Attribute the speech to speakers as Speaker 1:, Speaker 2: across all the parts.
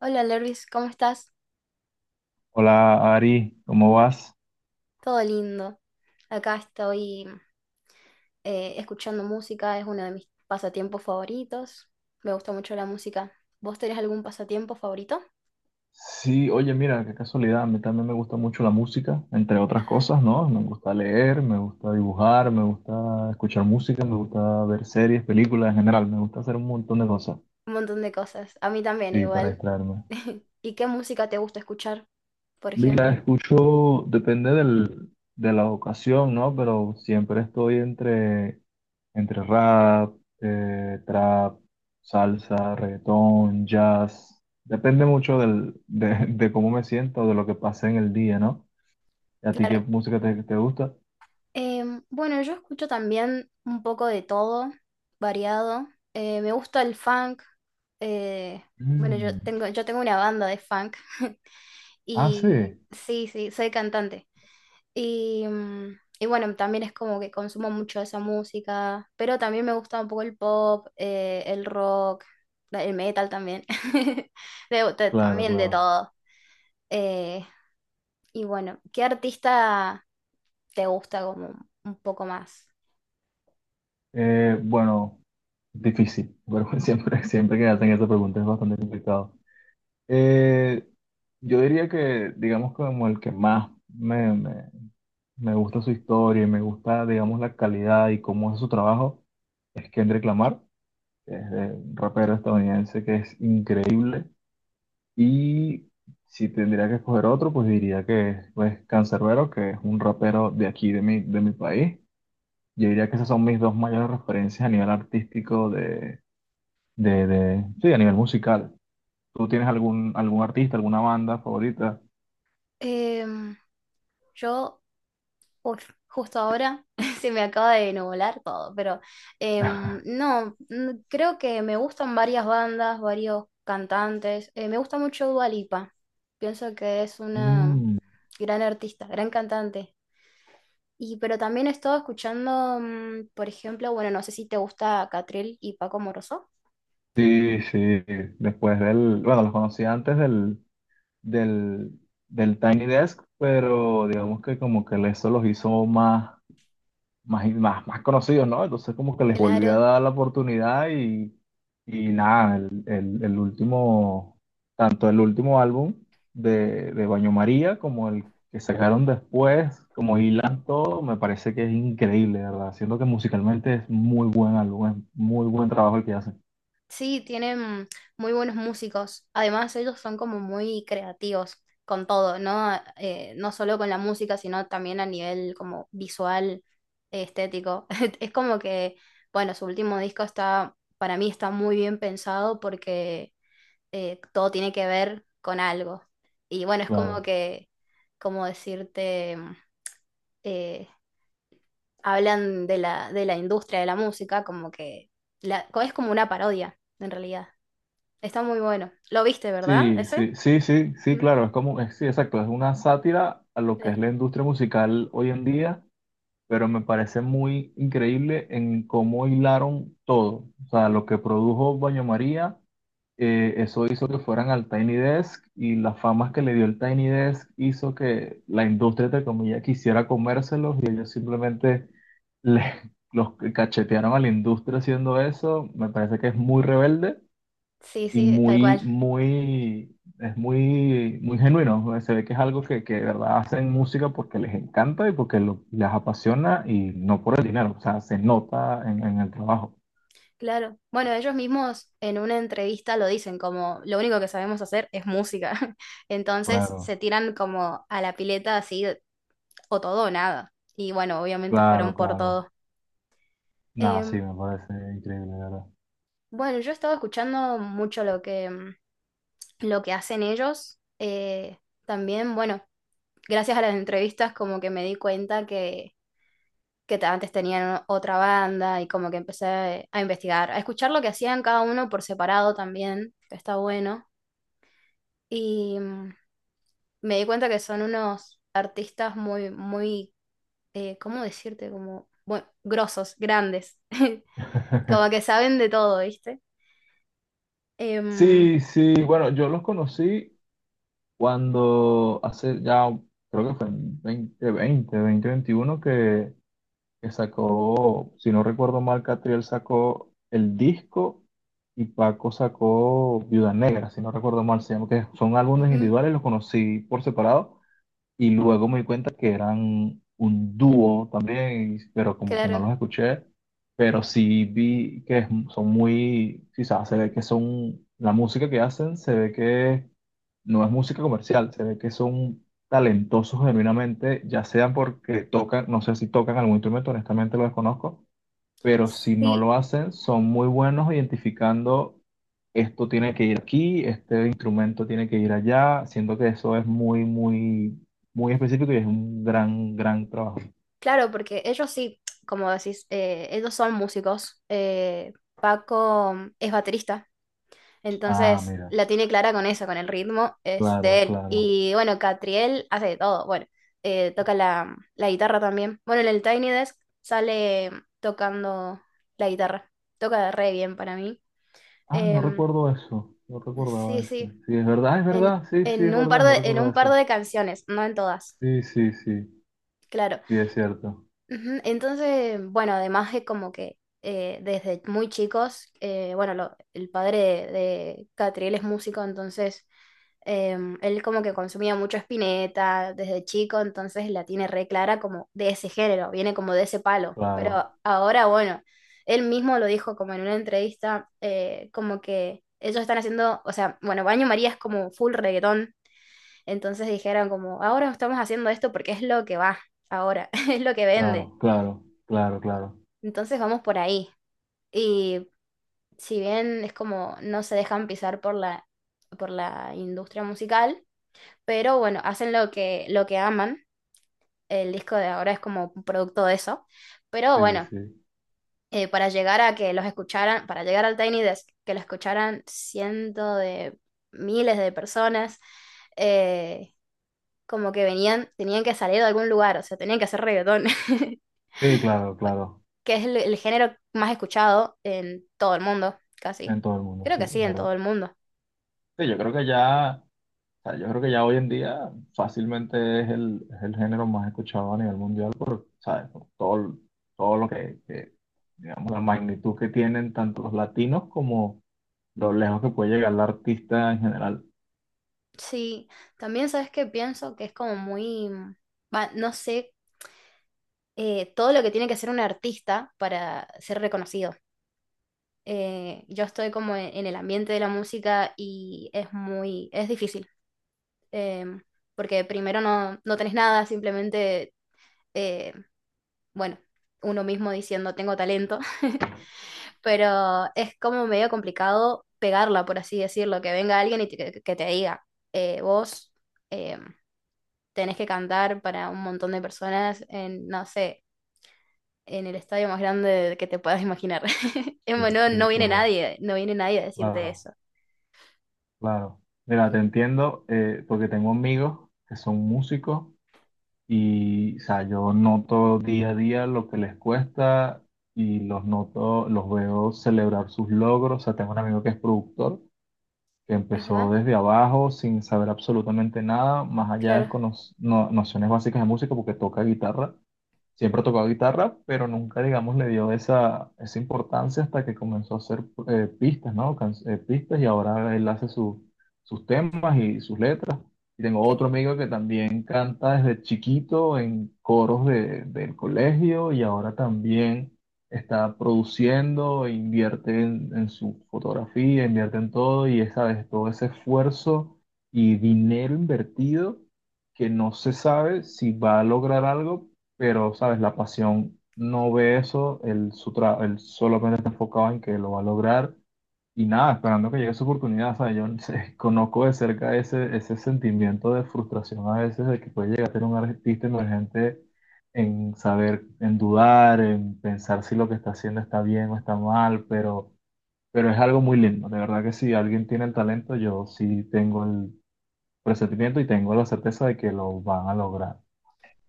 Speaker 1: Hola Lervis, ¿cómo estás?
Speaker 2: Hola Ari, ¿cómo vas?
Speaker 1: Todo lindo. Acá estoy escuchando música, es uno de mis pasatiempos favoritos. Me gusta mucho la música. ¿Vos tenés algún pasatiempo favorito?
Speaker 2: Sí, oye, mira, qué casualidad, a mí también me gusta mucho la música, entre otras
Speaker 1: Ajá.
Speaker 2: cosas, ¿no? Me gusta leer, me gusta dibujar, me gusta escuchar música, me gusta ver series, películas en general, me gusta hacer un montón de cosas,
Speaker 1: Un montón de cosas. A mí también
Speaker 2: sí, para
Speaker 1: igual.
Speaker 2: distraerme.
Speaker 1: ¿Y qué música te gusta escuchar, por
Speaker 2: Mira,
Speaker 1: ejemplo?
Speaker 2: escucho, depende de la ocasión, ¿no? Pero siempre estoy entre rap, trap, salsa, reggaetón, jazz. Depende mucho de cómo me siento, de lo que pase en el día, ¿no? ¿A ti qué
Speaker 1: Claro.
Speaker 2: música te gusta?
Speaker 1: Bueno, yo escucho también un poco de todo, variado. Me gusta el funk. eh, bueno, yo
Speaker 2: Mm.
Speaker 1: tengo, yo tengo una banda de funk.
Speaker 2: Ah, sí,
Speaker 1: Y sí, sí, soy cantante. Y, y bueno, también es como que consumo mucho esa música, pero también me gusta un poco el pop, el rock, el metal también,
Speaker 2: claro,
Speaker 1: también de
Speaker 2: claro.
Speaker 1: todo. Eh, y bueno, ¿qué artista te gusta como un poco más?
Speaker 2: Bueno, difícil, pero siempre que hacen esa pregunta es bastante complicado. Eh, yo diría que, digamos, como el que más me gusta su historia y me gusta, digamos, la calidad y cómo hace su trabajo, es Kendrick Lamar, que es un rapero estadounidense que es increíble. Y si tendría que escoger otro, pues diría que es pues, Canserbero, que es un rapero de aquí, de mi país. Yo diría que esas son mis dos mayores referencias a nivel artístico sí, a nivel musical. ¿Tú tienes algún artista, alguna banda favorita?
Speaker 1: Em, yo uf, justo ahora se me acaba de nublar todo, pero no, creo que me gustan varias bandas, varios cantantes. Me gusta mucho Dua Lipa. Pienso que es una
Speaker 2: Mm,
Speaker 1: gran artista, gran cantante. Y pero también he estado escuchando, por ejemplo, bueno, no sé si te gusta Catril y Paco Moroso.
Speaker 2: sí, sí. Después del, bueno, los conocí antes del, del Tiny Desk, pero digamos que como que eso los hizo más, más conocidos, ¿no? Entonces como que les volví a
Speaker 1: Claro.
Speaker 2: dar la oportunidad y nada, el último, tanto el último álbum de Baño María como el que sacaron después, como hilan todo, me parece que es increíble, ¿verdad? Siendo que musicalmente es muy buen álbum, es muy buen trabajo el que hacen,
Speaker 1: Sí, tienen muy buenos músicos. Además, ellos son como muy creativos con todo, ¿no? No solo con la música, sino también a nivel como visual, estético. Es como que, bueno, su último disco está, para mí está muy bien pensado porque todo tiene que ver con algo. Y bueno, es como
Speaker 2: claro.
Speaker 1: que, como decirte, eh, hablan de la industria de la música, como que la, es como una parodia, en realidad. Está muy bueno. ¿Lo viste, verdad?
Speaker 2: Sí,
Speaker 1: ¿Ese?
Speaker 2: sí, sí, sí, sí,
Speaker 1: Ujú.
Speaker 2: claro, es como, es- sí, exacto, es una sátira a lo que es
Speaker 1: Claro.
Speaker 2: la industria musical hoy en día, pero me parece muy increíble en cómo hilaron todo, o sea, lo que produjo Baño María, eso hizo que fueran al Tiny Desk y las famas que le dio el Tiny Desk hizo que la industria, entre comillas, quisiera comérselos y ellos simplemente le- los cachetearon a la industria haciendo eso, me parece que es muy rebelde
Speaker 1: Sí,
Speaker 2: y
Speaker 1: sí, tal cual.
Speaker 2: es muy genuino. ¿No? Se ve que es algo que de verdad hacen música porque les encanta y porque lo- les apasiona y no por el dinero. O sea, se nota en el trabajo.
Speaker 1: Claro. Bueno, ellos mismos en una entrevista lo dicen como lo único que sabemos hacer es música. Entonces
Speaker 2: Claro,
Speaker 1: se tiran como a la pileta así, o todo o nada. Y bueno, obviamente
Speaker 2: claro,
Speaker 1: fueron por
Speaker 2: claro.
Speaker 1: todo.
Speaker 2: Nada, sí,
Speaker 1: Em,
Speaker 2: me parece increíble, de verdad.
Speaker 1: bueno, yo he estado escuchando mucho lo que, lo que hacen ellos. También, bueno, gracias a las entrevistas como que me di cuenta que antes tenían otra banda y como que empecé a investigar, a escuchar lo que hacían cada uno por separado también, que está bueno. Y me di cuenta que son unos artistas muy, muy, ¿cómo decirte? Como, bueno, grosos, grandes, como que saben de todo, ¿viste? Em,
Speaker 2: Sí, sí, bueno, yo los conocí cuando hace ya, creo que fue en 2020, veintiuno que sacó, si no recuerdo mal, Catriel sacó el disco y Paco sacó Viuda Negra, si no recuerdo mal, se llama, que son álbumes
Speaker 1: ujú,
Speaker 2: individuales, los conocí por separado, y luego me di cuenta que eran un dúo también, y- pero como que no
Speaker 1: claro.
Speaker 2: los escuché. Pero sí vi que es- son muy, quizás se ve que son, la música que hacen se ve que no es música comercial, se ve que son talentosos genuinamente, ya sean porque tocan, no sé si tocan algún instrumento, honestamente lo desconozco, pero si no
Speaker 1: Sí,
Speaker 2: lo hacen, son muy buenos identificando esto tiene que ir aquí, este instrumento tiene que ir allá. Siento que eso es muy específico y es un gran trabajo.
Speaker 1: claro, porque ellos sí, como decís, ellos son músicos. Paco es baterista.
Speaker 2: Ah,
Speaker 1: Entonces
Speaker 2: mira,
Speaker 1: la tiene clara con eso, con el ritmo, es de
Speaker 2: claro,
Speaker 1: él.
Speaker 2: claro.
Speaker 1: Y bueno, Catriel hace de todo, bueno, toca la guitarra también. Bueno, en el Tiny Desk sale tocando la guitarra, toca re bien para mí.
Speaker 2: Ah, no
Speaker 1: Em,
Speaker 2: recuerdo eso, no recordaba
Speaker 1: sí, sí,
Speaker 2: eso. Sí, es
Speaker 1: en,
Speaker 2: verdad, sí, sí, es verdad, no
Speaker 1: en
Speaker 2: recordaba
Speaker 1: un par
Speaker 2: eso.
Speaker 1: de canciones, no en todas,
Speaker 2: Sí, sí, sí,
Speaker 1: claro.
Speaker 2: sí, es cierto.
Speaker 1: Ujú, entonces, bueno, además es como que desde muy chicos, bueno, el padre de Catriel es músico, entonces él como que consumía mucho Spinetta desde chico, entonces la tiene re clara como de ese género, viene como de ese palo.
Speaker 2: Claro,
Speaker 1: Pero ahora, bueno, él mismo lo dijo como en una entrevista, como que ellos están haciendo, o sea, bueno, Baño María es como full reggaetón, entonces dijeron como, ahora estamos haciendo esto porque es lo que va, ahora, es lo que vende,
Speaker 2: claro, claro, claro, claro.
Speaker 1: entonces vamos por ahí. Y si bien es como no se dejan pisar por la industria musical, pero bueno, hacen lo que aman. El disco de ahora es como un producto de eso. Pero
Speaker 2: Sí,
Speaker 1: bueno,
Speaker 2: sí.
Speaker 1: para llegar a que los escucharan, para llegar al Tiny Desk, que lo escucharan cientos de miles de personas, eh, como que venían, tenían que salir de algún lugar, o sea, tenían que hacer reggaetón,
Speaker 2: Sí, claro, claro.
Speaker 1: que es el género más escuchado en todo el mundo,
Speaker 2: En
Speaker 1: casi.
Speaker 2: todo el mundo,
Speaker 1: Creo
Speaker 2: sí,
Speaker 1: que sí,
Speaker 2: es
Speaker 1: en
Speaker 2: verdad.
Speaker 1: todo el mundo.
Speaker 2: Sí, yo creo que ya. O sea, yo creo que ya hoy en día fácilmente es es el género más escuchado a nivel mundial por, ¿sabes? Por todo, todo lo digamos, la magnitud que tienen tanto los latinos como lo lejos que puede llegar el artista en general.
Speaker 1: Sí, también sabes que pienso que es como muy, va, no sé todo lo que tiene que hacer un artista para ser reconocido. Yo estoy como en el ambiente de la música y es muy, es difícil, em, porque primero no, no tenés nada, simplemente, eh, bueno, uno mismo diciendo tengo talento, pero es como medio complicado pegarla, por así decirlo, que venga alguien y que, te diga, vos em, tenés que cantar para un montón de personas en, no sé en el estadio más grande que te puedas imaginar. Es
Speaker 2: Sí,
Speaker 1: bueno, no
Speaker 2: sí,
Speaker 1: viene
Speaker 2: claro,
Speaker 1: nadie, no viene nadie a decirte
Speaker 2: claro,
Speaker 1: eso.
Speaker 2: claro. Mira, te entiendo, porque tengo amigos que son músicos y, o sea, yo noto día a día lo que les cuesta y los noto, los veo celebrar sus logros. O sea, tengo un amigo que es productor que empezó
Speaker 1: Ajá,
Speaker 2: desde abajo sin saber absolutamente nada, más allá de
Speaker 1: claro.
Speaker 2: cono- no- nociones básicas de música, porque toca guitarra. Siempre tocó guitarra, pero nunca, digamos, le dio esa, esa importancia hasta que comenzó a hacer pistas, ¿no? Pistas y ahora él hace su- sus temas y sus letras. Y tengo
Speaker 1: que-
Speaker 2: otro amigo que también canta desde chiquito en coros de- del colegio y ahora también está produciendo, invierte en su fotografía, invierte en todo y esa vez todo ese esfuerzo y dinero invertido que no se sabe si va a lograr algo pero, ¿sabes? La pasión no ve eso, él, su tra- él solamente está enfocado en que lo va a lograr y nada, esperando que llegue su oportunidad, ¿sabes? Yo no sé, conozco de cerca ese, ese sentimiento de frustración a veces de que puede llegar a tener un artista emergente en saber, en dudar, en pensar si lo que está haciendo está bien o está mal, pero es algo muy lindo. De verdad que si alguien tiene el talento, yo sí tengo el presentimiento y tengo la certeza de que lo van a lograr.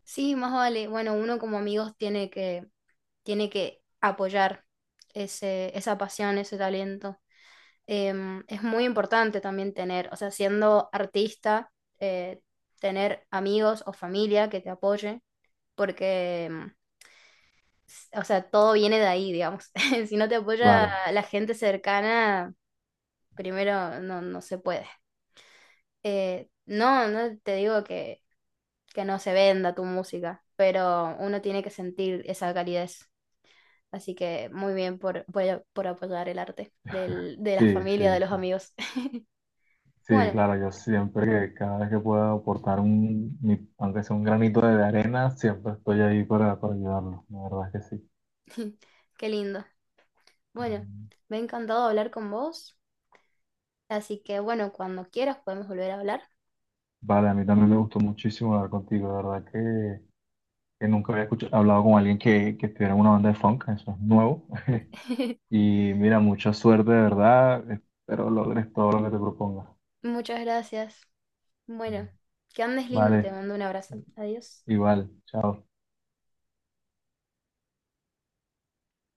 Speaker 1: Sí, más vale. Bueno, uno como amigos tiene que apoyar ese, esa pasión, ese talento. Es muy importante también tener, o sea, siendo artista, eh, tener amigos o familia que te apoye, porque, o sea, todo viene de ahí, digamos. Si no te apoya
Speaker 2: Claro,
Speaker 1: la gente cercana, primero no, no se puede. No, no te digo que no se venda tu música, pero uno tiene que sentir esa calidez. Así que muy bien por apoyar el arte de la
Speaker 2: sí, sí,
Speaker 1: familia, de los
Speaker 2: sí.
Speaker 1: amigos.
Speaker 2: Sí,
Speaker 1: Bueno,
Speaker 2: claro, yo siempre que cada vez que pueda aportar un, mi- aunque sea un granito de arena, siempre estoy ahí para ayudarlo, la verdad es que sí.
Speaker 1: qué lindo. Bueno,
Speaker 2: Ujú.
Speaker 1: me ha encantado hablar con vos. Así que bueno, cuando quieras podemos volver a hablar.
Speaker 2: Vale, a mí también me gustó muchísimo hablar contigo, la verdad que nunca había escuchado, hablado con alguien que estuviera en una banda de funk, eso es nuevo. Y mira, mucha suerte, de verdad, espero logres todo lo que te propongas.
Speaker 1: Muchas gracias.
Speaker 2: Ujú.
Speaker 1: Bueno, que andes lindo, te
Speaker 2: Vale,
Speaker 1: mando un abrazo. Adiós.
Speaker 2: igual, chao.